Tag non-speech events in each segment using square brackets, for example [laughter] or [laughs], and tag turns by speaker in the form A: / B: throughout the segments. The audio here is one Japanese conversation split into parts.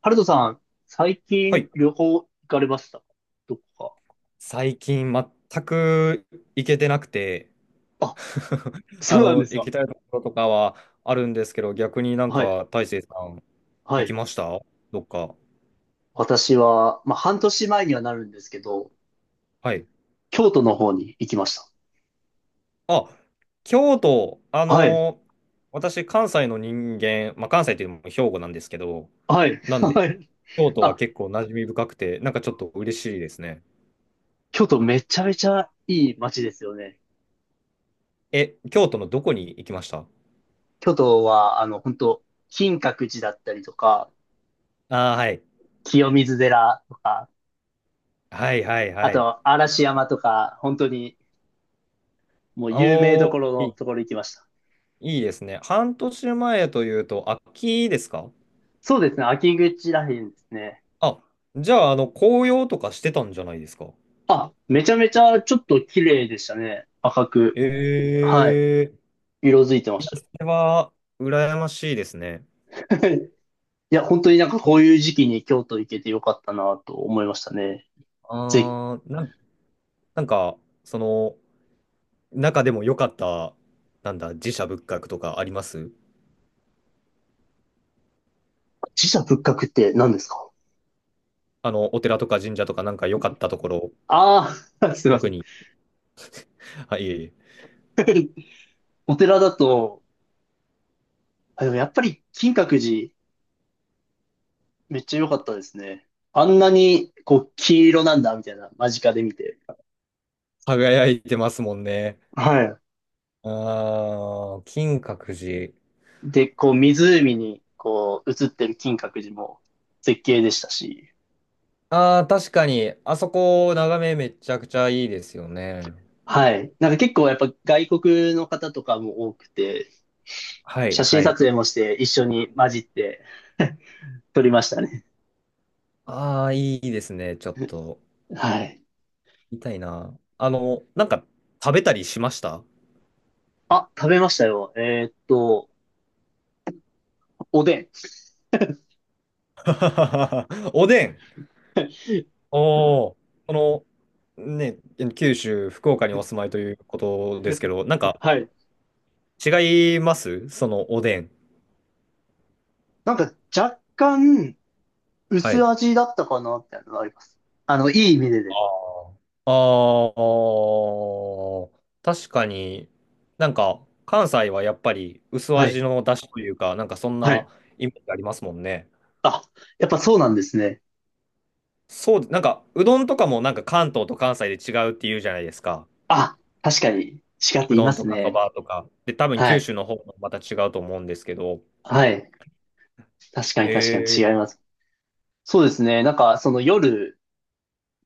A: ハルトさん、最
B: は
A: 近
B: い。
A: 旅行行かれましたどこ
B: 最近全く行けてなくて。
A: か。あ、
B: [laughs]
A: そうなんです
B: 行き
A: か。
B: たいところとかはあるんですけど、逆に
A: はい。
B: 大成さん
A: は
B: 行き
A: い。
B: ましたどっか？
A: 私は、まあ、半年前にはなるんですけど、
B: はい。
A: 京都の方に行きました。
B: あ、京都、
A: はい。
B: 私関西の人間、関西というのも兵庫なんですけど、
A: はい。
B: なんで
A: はい。
B: 京都は
A: あ、
B: 結構馴染み深くて、なんかちょっと嬉しいですね。
A: 京都めちゃめちゃいい街ですよね。
B: え、京都のどこに行きました？
A: 京都は、本当金閣寺だったりとか、
B: ああー、はい。
A: 清水寺とか、
B: はいはい
A: あ
B: はい。
A: と、嵐山とか、本当に、もう有名どこ
B: お
A: ろ
B: ー、
A: のところ行きました。
B: いいですね。半年前というと、秋ですか？
A: そうですね。秋口らへんですね。
B: あ、じゃあ、紅葉とかしてたんじゃないですか？
A: あ、めちゃめちゃちょっと綺麗でしたね。赤く。
B: え
A: はい。
B: え、
A: 色づいてま
B: い
A: し
B: や、
A: た
B: それは、羨ましいですね。
A: よ。[laughs] いや、本当になんかこ
B: あ
A: ういう時期に京都行けてよかったなと思いましたね。ぜ、
B: あー、なんか、その、中でも良かった、なんだ、寺社仏閣とかあります？
A: 寺社仏閣って何ですか。
B: お寺とか神社とかなんか良かったところ、
A: ああー、[laughs] すいませ
B: 特
A: ん。
B: に。はいえいえ。
A: [laughs] お寺だと、あ、でもやっぱり金閣寺めっちゃ良かったですね。あんなにこう黄色なんだみたいな間近で見て。
B: 輝いてますもんね。
A: はい。
B: ああ、金閣寺。
A: で、こう湖にこう映ってる金閣寺も絶景でしたし。
B: ああ、確かに、あそこ、眺めめちゃくちゃいいですよね。
A: はい。なんか結構やっぱ外国の方とかも多くて、
B: はい、
A: 写真
B: は
A: 撮
B: い。
A: 影もして一緒に混じって撮りましたね。
B: ああ、いいですね。ちょっと、
A: はい。
B: 痛いな。食べたりしました？
A: あ、食べましたよ。おでん。
B: [laughs] おでん。
A: [laughs]
B: おお、この、ね、九州、福岡にお住まいということですけど、なんか、
A: はい。
B: 違いますそのおでん？
A: なんか若干
B: は
A: 薄
B: い。
A: 味だったかなっていうのがあります。いい意味でです。
B: ああ。ああ、確かに、なんか関西はやっぱり薄
A: はい。
B: 味の出汁というか、なんかそん
A: はい。
B: なイメージありますもんね。
A: あ、やっぱそうなんですね。
B: そう、なんかうどんとかもなんか関東と関西で違うって言うじゃないですか。
A: あ、確かに違って
B: う
A: 言い
B: ど
A: ま
B: んと
A: す
B: かそ
A: ね。
B: ばとか。で、多分
A: は
B: 九
A: い。
B: 州の方もまた違うと思うんですけど。
A: はい。確かに確かに違
B: え
A: い
B: ー、
A: ます。そうですね。なんかその夜、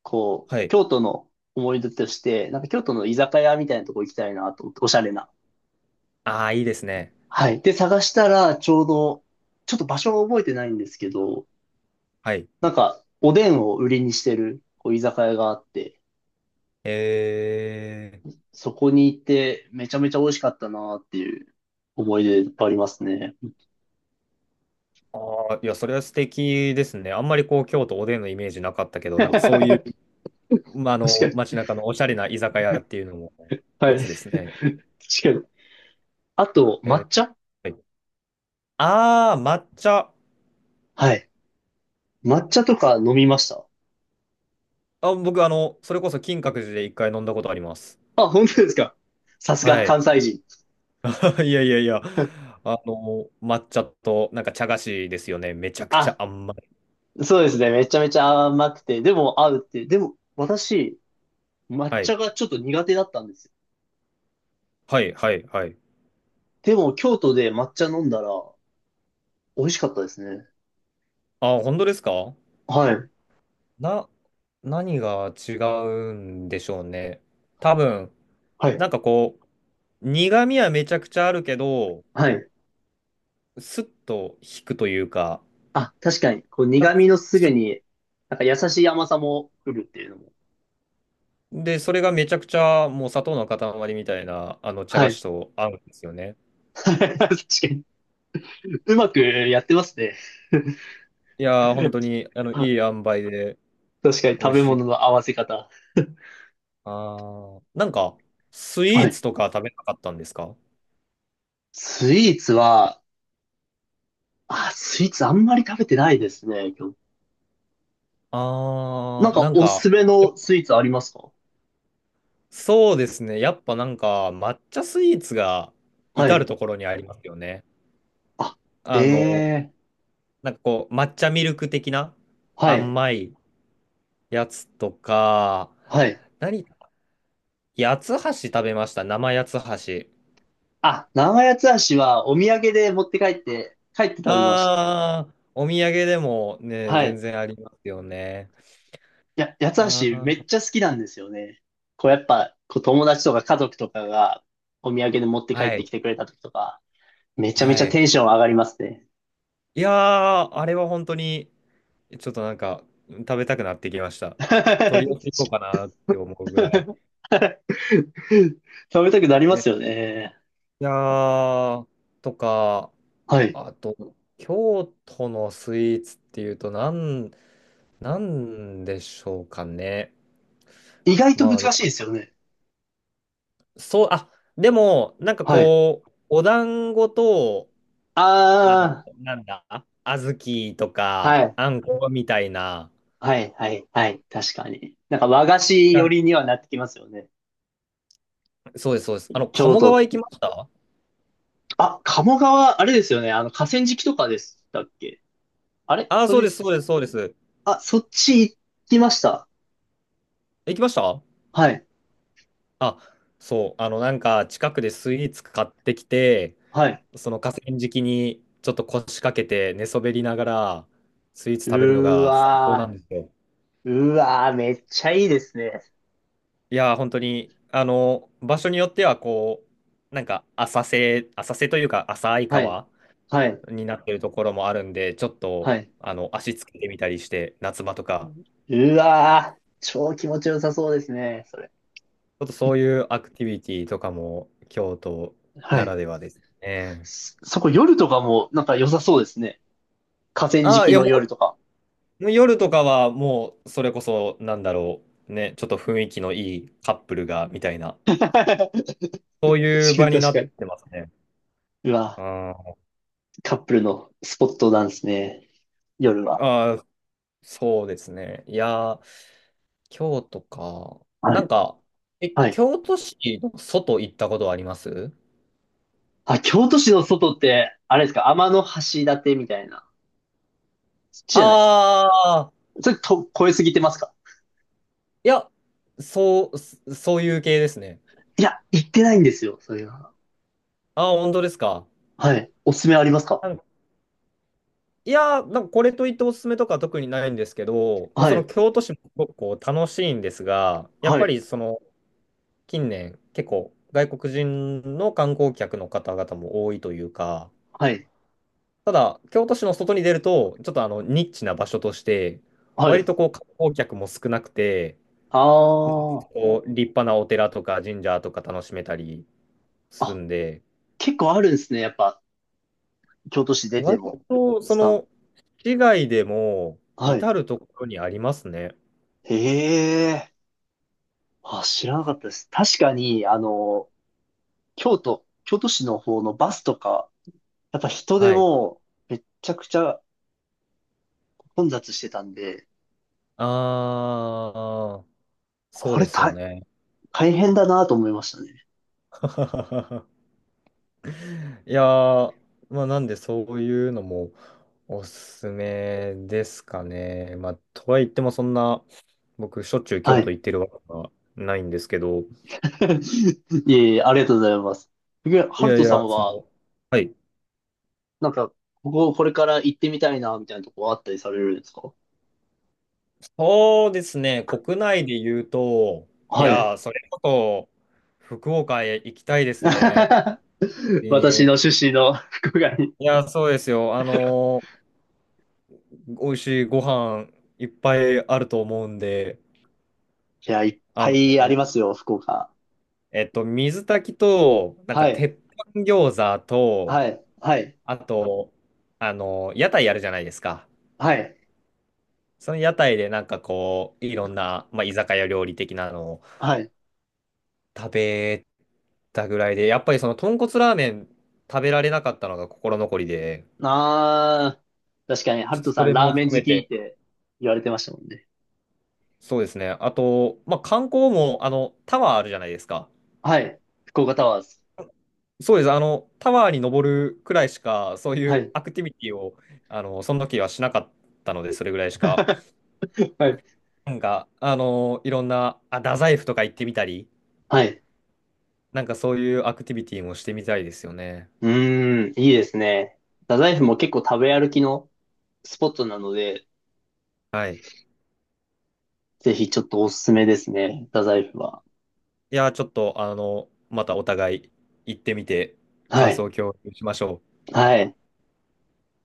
A: こう、
B: はい。
A: 京都の思い出として、なんか京都の居酒屋みたいなとこ行きたいなと思って、おしゃれな。
B: ああ、いいですね。
A: はい。で、探したら、ちょうど、ちょっと場所を覚えてないんですけど、
B: はい。
A: なんか、おでんを売りにしてる、こう、居酒屋があって、
B: え
A: そこに行って、めちゃめちゃ美味しかったなっていう思い出いっぱいありますね。
B: ー、ああ、いや、それは素敵ですね。あんまりこう京都おでんのイメージなかったけ
A: [laughs]
B: ど、なんかそういう、
A: 確か
B: 街
A: に。
B: 中のおしゃれな居酒屋っていうのも、
A: は
B: オ
A: い。
B: ツです
A: 確
B: ね。
A: かに。あと、抹
B: えー、
A: 茶
B: はい、あー、抹茶。
A: はい。抹茶とか飲みました。
B: あ、僕、それこそ金閣寺で一回飲んだことあります。
A: あ、本当ですか。さす
B: は
A: が
B: い。
A: 関西人。
B: [laughs] いやいやいや。抹茶と、なんか茶菓子ですよね。めちゃくちゃ
A: あ、
B: 甘い。
A: そうですね。めちゃめちゃ甘くて、でも合うっていう。でも、私、抹
B: はい。
A: 茶がちょっと苦手だったんですよ。
B: はい、はい、はい。
A: でも、京都で抹茶飲んだら、美味しかったですね。
B: あ、本当ですか？
A: はい。
B: な、何が違うんでしょうね。多分、
A: はい。
B: なんかこう、苦味はめちゃくちゃあるけど、
A: はい。
B: スッと引くというか、
A: あ、確かに、こう、
B: なん
A: 苦
B: か、
A: 味のすぐ
B: す
A: に、なんか優しい甘さも来るっていうのも。
B: で、それがめちゃくちゃもう砂糖の塊みたいな、茶
A: は
B: 菓
A: い。
B: 子と合うんですよね。
A: [laughs] 確かに。うまくやってますね。
B: いやー、本当に、いい
A: あ
B: 塩梅で
A: 確かに、
B: 美
A: 食
B: 味
A: べ
B: し
A: 物
B: い。
A: の合わせ方。
B: あー、なんか、スイ
A: は
B: ーツ
A: い。
B: とか食べなかったんですか？
A: スイーツは、あ、スイーツあんまり食べてないですね。今日なん
B: あー、な
A: か、
B: ん
A: おす
B: か、
A: すめのスイーツありますか。
B: そうですね。やっぱなんか、抹茶スイーツが
A: は
B: 至る
A: い。
B: ところにありますよね。あの、
A: あ、ええ
B: なんかこう、抹茶ミルク的な
A: はい、
B: 甘いやつとか、
A: はい。
B: 何、八つ橋食べました。生八つ橋。
A: あ、生八つ橋はお土産で持って帰って、帰って食べました。
B: ああ、お土産でもね、
A: は
B: 全
A: い。
B: 然ありますよね。
A: いや、八
B: あ
A: つ橋めっ
B: あ、
A: ちゃ好きなんですよね。こうやっぱ、こう友達とか家族とかがお土産で持って帰っ
B: は
A: て
B: い、
A: きてくれた時とか、めちゃめ
B: は
A: ちゃ
B: い。
A: テンション上がりますね。
B: いやー、あれは本当に、ちょっとなんか、食べたくなってきました。
A: [laughs]
B: 取り寄せてこうかなって思うぐらい。
A: 食べたくなりま
B: ね、
A: すよね。
B: いやー、とか、
A: はい。
B: あと、京都のスイーツっていうと、なんでしょうかね。
A: 意外と
B: ま
A: 難しい
B: あ、
A: ですよね。
B: そう、あ、でも、なんか
A: はい。
B: こう、お団子と、あの、
A: あ
B: なんだ、小豆と
A: あ、
B: か、
A: はい。
B: あんこみたいな。
A: はい、はい、はい。確かに。なんか和菓子寄
B: あ、
A: りにはなってきますよね。
B: そうです、そうです。あの、
A: 京
B: 鴨川
A: 都。
B: 行きました？
A: あ、鴨川、あれですよね。河川敷とかでしたっけ。あれ
B: ああ、
A: そ
B: そうで
A: れ、
B: す、そうです、そうです。
A: あ、そっち行きました。
B: 行きました？
A: はい、
B: あ、そう、近くでスイーツ買ってきて、
A: はい。
B: その河川敷にちょっと腰掛けて寝そべりながら、スイーツ
A: う
B: 食べるの
A: ー
B: が最高なん
A: わ
B: ですよ。
A: ー、うーわー、めっちゃいいですね。
B: いやー、本当に、場所によっては、こう、なんか、浅瀬というか、浅い
A: はい、
B: 川
A: はい、
B: になってるところもあるんで、ちょっと
A: はい。
B: 足つけてみたりして、夏場とか、
A: うわー、超気持ちよさそうですね、それ。
B: ちょっとそういうアクティビティとかも京都
A: は
B: な
A: い。
B: らではですね。
A: そそこ夜とかもなんか良さそうですね。河川
B: ああ、い
A: 敷
B: や
A: の夜
B: も
A: とか。
B: う夜とかはもうそれこそなんだろう、ね、ちょっと雰囲気のいいカップルがみたいな、
A: [laughs] 確
B: そういう
A: かに
B: 場にな
A: 確か
B: っ
A: に。
B: てますね。
A: うわ。
B: あ
A: カップルのスポットなんですね。夜は。
B: あ、そうですね。いやー、京都か。
A: は
B: な
A: い。
B: んか、え、
A: はい。
B: 京都市の外行ったことはあります？
A: あ、京都市の外って、あれですか、天橋立みたいな。そっちじゃないです。
B: あ、
A: それと、超えすぎてますか。
B: いや、そう、そういう系ですね。
A: いや、行ってないんですよ、それは。
B: ああ、本当ですか。
A: はい。おすすめあります
B: あ
A: か。
B: のいやー、なんかこれといっておすすめとか特にないんですけど、まあ、
A: は
B: その
A: い。
B: 京都市もすごくこう楽しいんですが、やっ
A: は
B: ぱ
A: い。
B: りその近年結構外国人の観光客の方々も多いというか、
A: はい。
B: ただ京都市の外に出ると、ちょっとニッチな場所として、
A: は
B: 割
A: い。
B: とこう観光客も少なくて、
A: ああ。
B: こう立派なお寺とか神社とか楽しめたりする
A: あ、
B: んで、
A: 結構あるんですね。やっぱ、京都市出て
B: 割
A: も。
B: と、そ
A: スタン。
B: の、市外でも、
A: はい。
B: 至るところにありますね。
A: へえ。あ、知らなかったです。確かに、京都、京都市の方のバスとか、やっぱ人で
B: はい。
A: もうめっちゃくちゃ混雑してたんで、
B: ああ、そう
A: こ
B: で
A: れ
B: すよ
A: 大、
B: ね。
A: 大変だなと思いましたね。
B: [laughs] いやー、まあ、なんでそういうのもおすすめですかね。まあ、とはいってもそんな、僕、しょっちゅう京
A: は
B: 都
A: い。
B: 行ってるわけはないんですけど、
A: [laughs] いえいえ、ありがとうございます。で、
B: い
A: ハル
B: やい
A: トさ
B: や、
A: ん
B: そ
A: は、
B: の、はい。
A: なんか、ここ、これから行ってみたいな、みたいなとこあったりされるんですか。
B: そうですね、国内で言うと、い
A: はい。
B: やー、それこそ、福岡へ行きたいですね。え
A: [laughs] 私
B: ー、
A: の出身の福岡に。い
B: いや、そうですよ。あのー、美味しいご飯いっぱいあると思うんで、
A: や、いっ
B: あ
A: ぱ
B: の
A: いあり
B: ー、
A: ますよ、福岡。
B: 水炊きと、なんか、
A: はい。
B: 鉄板餃子と、
A: はい。はい。
B: あと、あのー、屋台やるじゃないですか。
A: はい。
B: その屋台で、なんかこう、いろんな、まあ、居酒屋料理的なのを
A: はい。
B: 食べたぐらいで、やっぱりその、豚骨ラーメン食べられなかったのが心残りで、
A: あー、確かに、ハ
B: ちょ
A: ル
B: っ
A: ト
B: とそ
A: さん
B: れ
A: ラ
B: も
A: ーメン
B: 含
A: 好
B: め
A: きっ
B: て、
A: て言われてましたもんね。
B: そうですね。あと、まあ、観光も、タワーあるじゃないですか。
A: はい。福岡タワーズ。
B: そうです。タワーに登るくらいしか、そうい
A: は
B: う
A: い。
B: アクティビティを、その時はしなかったので、それぐらいしか。
A: [laughs] はい。
B: なんか、いろんな、あ、太宰府とか行ってみたり、
A: はい。
B: なんかそういうアクティビティもしてみたいですよね。
A: うーん、いいですね。太宰府も結構食べ歩きのスポットなので、
B: はい。
A: ぜひちょっとおすすめですね。太宰府は。
B: いや、ちょっと、またお互い行ってみて、
A: は
B: 感想
A: い。
B: を共有しましょう。
A: はい。